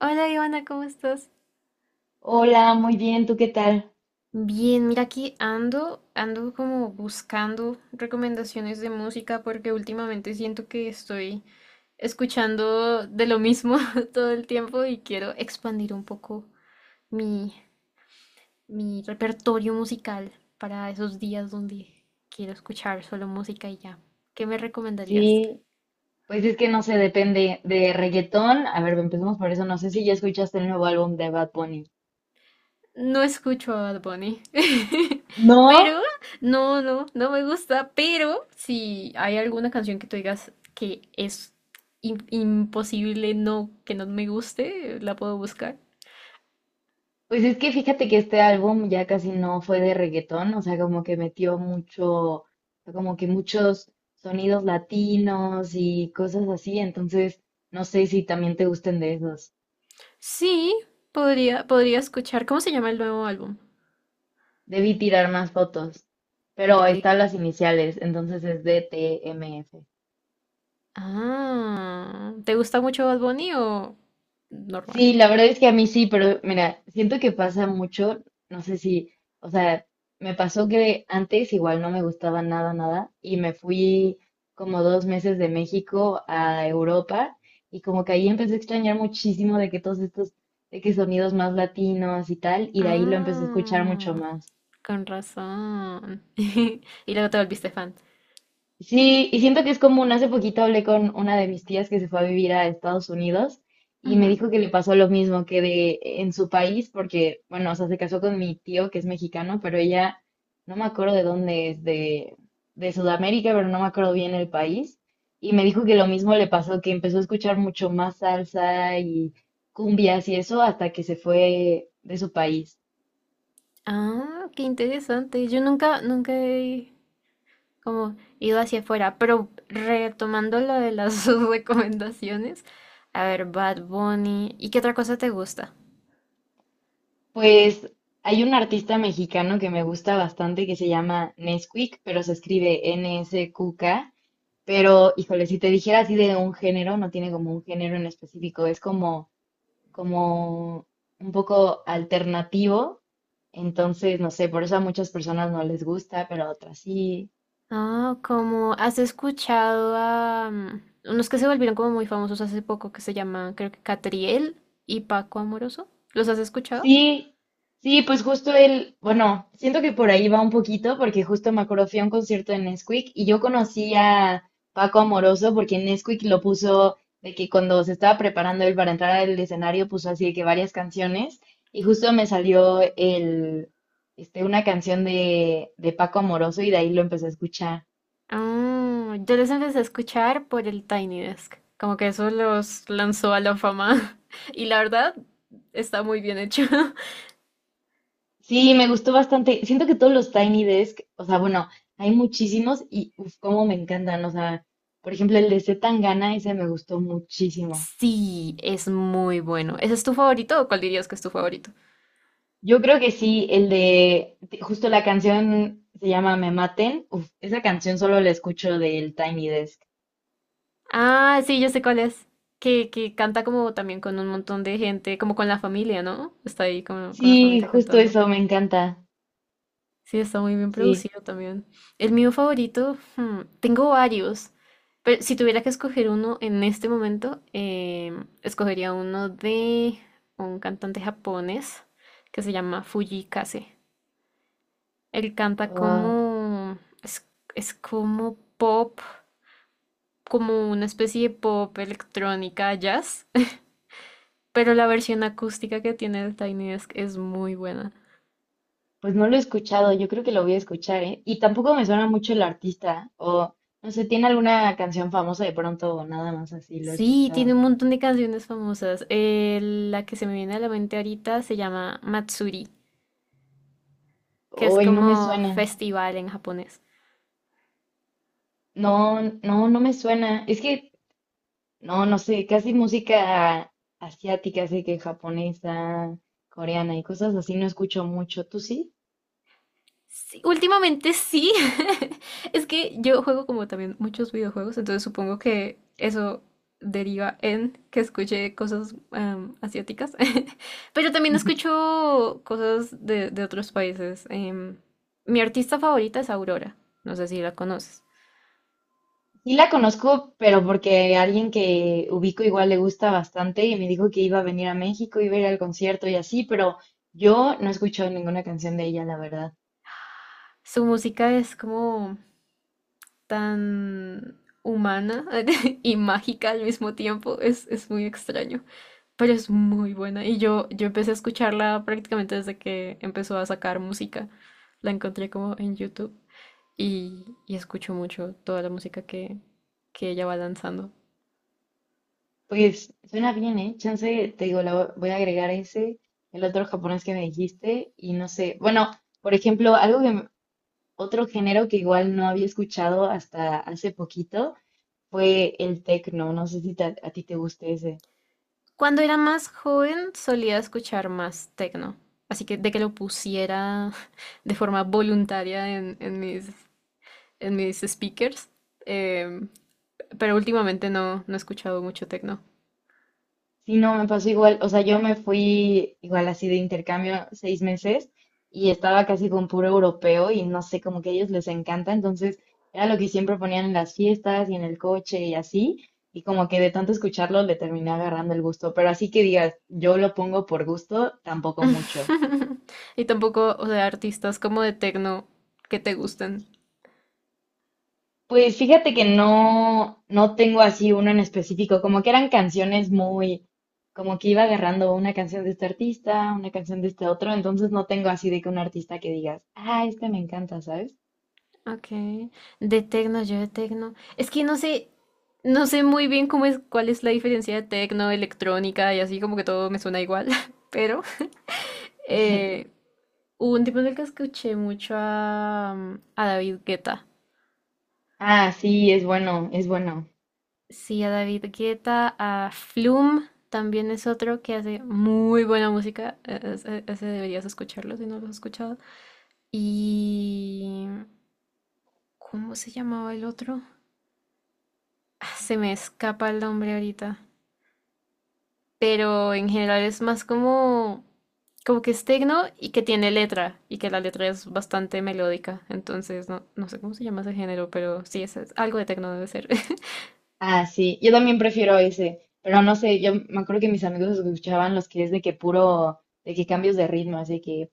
Hola Ivana, ¿cómo estás? Hola, muy bien, ¿tú qué tal? Bien, mira aquí ando, ando como buscando recomendaciones de música porque últimamente siento que estoy escuchando de lo mismo todo el tiempo y quiero expandir un poco mi, mi repertorio musical para esos días donde quiero escuchar solo música y ya. ¿Qué me recomendarías? Sí, pues es que no sé, depende de reggaetón. A ver, empecemos por eso. No sé si ya escuchaste el nuevo álbum de Bad Bunny. No escucho a Bad Bunny. No. Pero, no, no, no me gusta. Pero, si hay alguna canción que tú digas que es imposible no, que no me guste, la puedo buscar. Pues es que fíjate que este álbum ya casi no fue de reggaetón, o sea, como que metió mucho, como que muchos sonidos latinos y cosas así, entonces no sé si también te gusten de esos. Sí, podría escuchar. ¿Cómo se llama el nuevo álbum? Debí tirar más fotos, pero De... están las iniciales, entonces es D T M DTMF. Ah, ¿te gusta mucho Bad Bunny o normal? Sí, la verdad es que a mí sí, pero mira, siento que pasa mucho, no sé si, o sea, me pasó que antes igual no me gustaba nada, nada, y me fui como 2 meses de México a Europa y como que ahí empecé a extrañar muchísimo de que todos estos, de que sonidos más latinos y tal, y de ahí lo empecé a escuchar mucho Ah, más. con razón. Y luego te volviste fan. Sí, y siento que es común. Hace poquito hablé con una de mis tías que se fue a vivir a Estados Unidos y me Ujú. dijo que le pasó lo mismo que de en su país, porque, bueno, o sea, se casó con mi tío que es mexicano, pero ella no me acuerdo de dónde es, de Sudamérica, pero no me acuerdo bien el país. Y me dijo que lo mismo le pasó, que empezó a escuchar mucho más salsa y cumbias y eso hasta que se fue de su país. Ah, qué interesante. Yo nunca, nunca he como ido hacia afuera, pero retomando lo de las recomendaciones, a ver, Bad Bunny, ¿y qué otra cosa te gusta? Pues hay un artista mexicano que me gusta bastante que se llama Nesquik, pero se escribe N-S-Q-K. Pero, híjole, si te dijera así de un género, no tiene como un género en específico, es como, como un poco alternativo. Entonces, no sé, por eso a muchas personas no les gusta, pero a otras sí. Ah, ¿como has escuchado a unos que se volvieron como muy famosos hace poco que se llaman, creo que Catriel y Paco Amoroso? ¿Los has escuchado? Sí, sí, pues justo él, bueno, siento que por ahí va un poquito, porque justo me acuerdo, fui a un concierto de Nesquik y yo conocí a Paco Amoroso porque Nesquik lo puso de que cuando se estaba preparando él para entrar al escenario puso así de que varias canciones y justo me salió el, este, una canción de Paco Amoroso y de ahí lo empecé a escuchar. Ah, yo los empecé a escuchar por el Tiny Desk, como que eso los lanzó a la fama y la verdad está muy bien hecho. Sí, me gustó bastante. Siento que todos los Tiny Desk, o sea, bueno, hay muchísimos y uf, cómo me encantan. O sea, por ejemplo, el de C. Tangana, ese me gustó muchísimo. Sí, es muy bueno. ¿Ese es tu favorito o cuál dirías que es tu favorito? Yo creo que sí, justo la canción se llama Me Maten. Uf, esa canción solo la escucho del Tiny Desk. Ah, sí, yo sé cuál es. Que canta como también con un montón de gente, como con la familia, ¿no? Está ahí con la Sí, familia justo cantando. eso, me encanta. Sí, está muy bien Sí. producido también. El mío favorito, hmm, tengo varios, pero si tuviera que escoger uno en este momento, escogería uno de un cantante japonés que se llama Fuji Kase. Él canta Ah, como... Es, es como pop, como una especie de pop electrónica jazz, pero la versión acústica que tiene el Tiny Desk es muy buena. pues no lo he escuchado, yo creo que lo voy a escuchar, ¿eh? Y tampoco me suena mucho el artista, o no sé, ¿tiene alguna canción famosa de pronto o nada más así lo he Sí, tiene escuchado? un montón de canciones famosas. La que se me viene a la mente ahorita se llama Matsuri, que es Hoy no me como suena. festival en japonés. No, no, no me suena. Es que, no, no sé, casi música asiática, así que japonesa, coreana y cosas así no escucho mucho. ¿Tú sí? Sí, últimamente sí. Es que yo juego como también muchos videojuegos, entonces supongo que eso deriva en que escuche cosas asiáticas. Pero también escucho cosas de otros países. Mi artista favorita es Aurora. No sé si la conoces. Sí la conozco, pero porque alguien que ubico igual le gusta bastante y me dijo que iba a venir a México, iba a ir al concierto y así, pero yo no he escuchado ninguna canción de ella, la verdad. Su música es como tan humana y mágica al mismo tiempo. Es muy extraño. Pero es muy buena. Yo empecé a escucharla prácticamente desde que empezó a sacar música. La encontré como en YouTube y escucho mucho toda la música que ella va lanzando. Pues suena bien, ¿eh? Chance, te digo, la voy a agregar ese, el otro japonés que me dijiste y no sé. Bueno, por ejemplo, algo que otro género que igual no había escuchado hasta hace poquito fue el techno. No sé si a ti te guste ese. Cuando era más joven solía escuchar más techno. Así que de que lo pusiera de forma voluntaria en mis speakers. em, pero últimamente no, no he escuchado mucho techno. Sí, no, me pasó igual. O sea, yo me fui igual así de intercambio 6 meses y estaba casi con puro europeo y no sé, como que a ellos les encanta. Entonces, era lo que siempre ponían en las fiestas y en el coche y así. Y como que de tanto escucharlo le terminé agarrando el gusto. Pero así que digas, yo lo pongo por gusto, tampoco mucho. Y tampoco, o sea, artistas como de tecno que te gusten. Pues fíjate que no, no tengo así uno en específico, como que eran canciones muy, como que iba agarrando una canción de este artista, una canción de este otro, entonces no tengo así de que un artista que digas, ah, este me encanta, ¿sabes? Okay. De tecno, yo de tecno. Es que no sé, no sé muy bien cómo es, cuál es la diferencia de tecno, electrónica y así como que todo me suena igual. Pero eh, hubo un tiempo en el que escuché mucho a David Guetta. Ah, sí, es bueno, es bueno. Sí, a David Guetta, a Flume también es otro que hace muy buena música. Ese, deberías escucharlo si no lo has escuchado. Y ¿cómo se llamaba el otro? Ah, se me escapa el nombre ahorita. Pero en general es más como que es tecno y que tiene letra. Y que la letra es bastante melódica. Entonces, no, no sé cómo se llama ese género, pero sí, es algo de tecno debe ser. Ah, sí, yo también prefiero ese, pero no sé, yo me acuerdo que mis amigos escuchaban los que es de que puro, de que cambios de ritmo, así que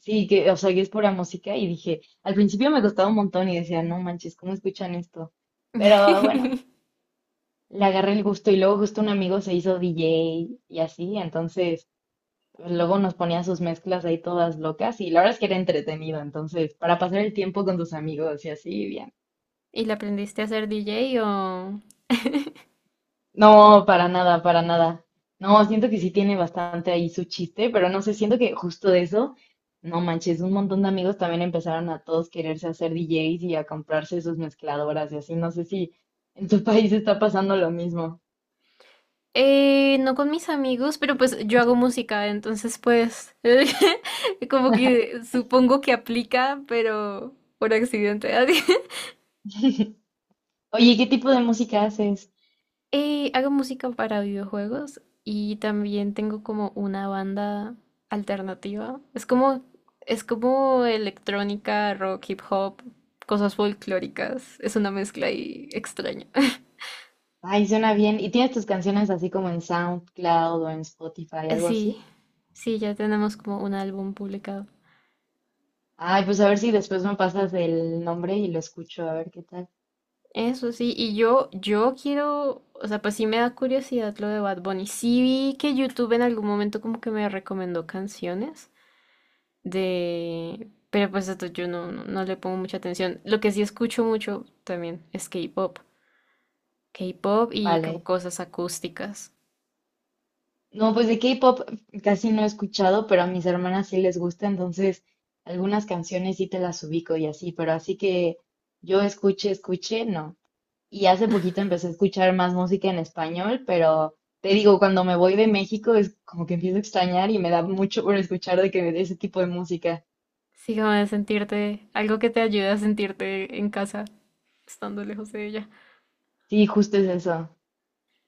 sí, que, o sea, que es pura música y dije, al principio me costaba un montón y decía, no manches, ¿cómo escuchan esto? Pero bueno, le agarré el gusto y luego justo un amigo se hizo DJ y así, entonces pues, luego nos ponía sus mezclas ahí todas locas y la verdad es que era entretenido, entonces para pasar el tiempo con tus amigos y así, bien. ¿Y la aprendiste a ser DJ o...? No, para nada, para nada. No, siento que sí tiene bastante ahí su chiste, pero no sé, siento que justo de eso, no manches, un montón de amigos también empezaron a todos quererse hacer DJs y a comprarse sus mezcladoras y así. No sé si en tu país está pasando lo mismo. No con mis amigos, pero pues yo hago música, entonces pues como que supongo que aplica, pero por accidente. Oye, ¿qué tipo de música haces? Hago música para videojuegos y también tengo como una banda alternativa. Es como electrónica, rock, hip hop, cosas folclóricas. Es una mezcla ahí extraña. Ay, suena bien. ¿Y tienes tus canciones así como en SoundCloud o en Spotify, Eh, algo Sí, así? sí, ya tenemos como un álbum publicado. Ay, pues a ver si después me pasas el nombre y lo escucho, a ver qué tal. Eso sí, yo quiero, o sea, pues sí me da curiosidad lo de Bad Bunny. Sí vi que YouTube en algún momento como que me recomendó canciones. De... Pero pues esto yo no, no, no le pongo mucha atención. Lo que sí escucho mucho también es K-pop. K-pop y como Vale. cosas acústicas. No, pues de K-pop casi no he escuchado, pero a mis hermanas sí les gusta, entonces algunas canciones sí te las ubico y así, pero así que yo escuche, escuche, no. Y hace poquito empecé a escuchar más música en español, pero te digo, cuando me voy de México es como que empiezo a extrañar y me da mucho por escuchar de que de ese tipo de música. Sí, como de sentirte, algo que te ayude a sentirte en casa, estando lejos de ella. Sí, justo es eso.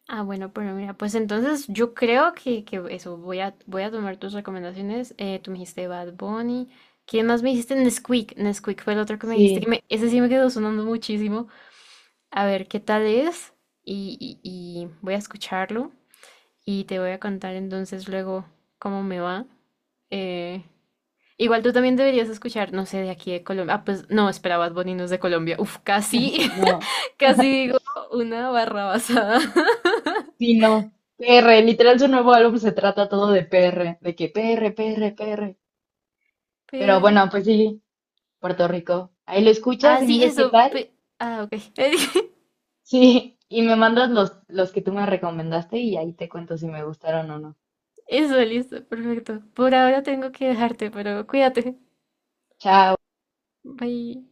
Ah, bueno, pero mira, pues entonces yo creo que eso, voy a tomar tus recomendaciones. Tú me dijiste Bad Bunny. ¿Quién más me dijiste? Nesquik. Nesquik fue el otro que me dijiste, que Sí, me, ese sí me quedó sonando muchísimo. A ver qué tal es y voy a escucharlo. Y te voy a contar entonces luego cómo me va. Eh, igual tú también deberías escuchar, no sé, de aquí de Colombia. Ah, pues no, espera, Bad Bunny no es de Colombia. Uf, casi, no, casi digo una barra basada. sí, no. PR, literal su nuevo álbum se trata todo de PR, de que PR, PR, PR. Pero PR. bueno, pues sí. Puerto Rico. Ahí lo escuchas y Ah, me sí, dices qué eso. tal. Ah, ok. Sí, y me mandas los que tú me recomendaste y ahí te cuento si me gustaron o no. Eso, listo, perfecto. Por ahora tengo que dejarte, pero cuídate. Chao. Bye.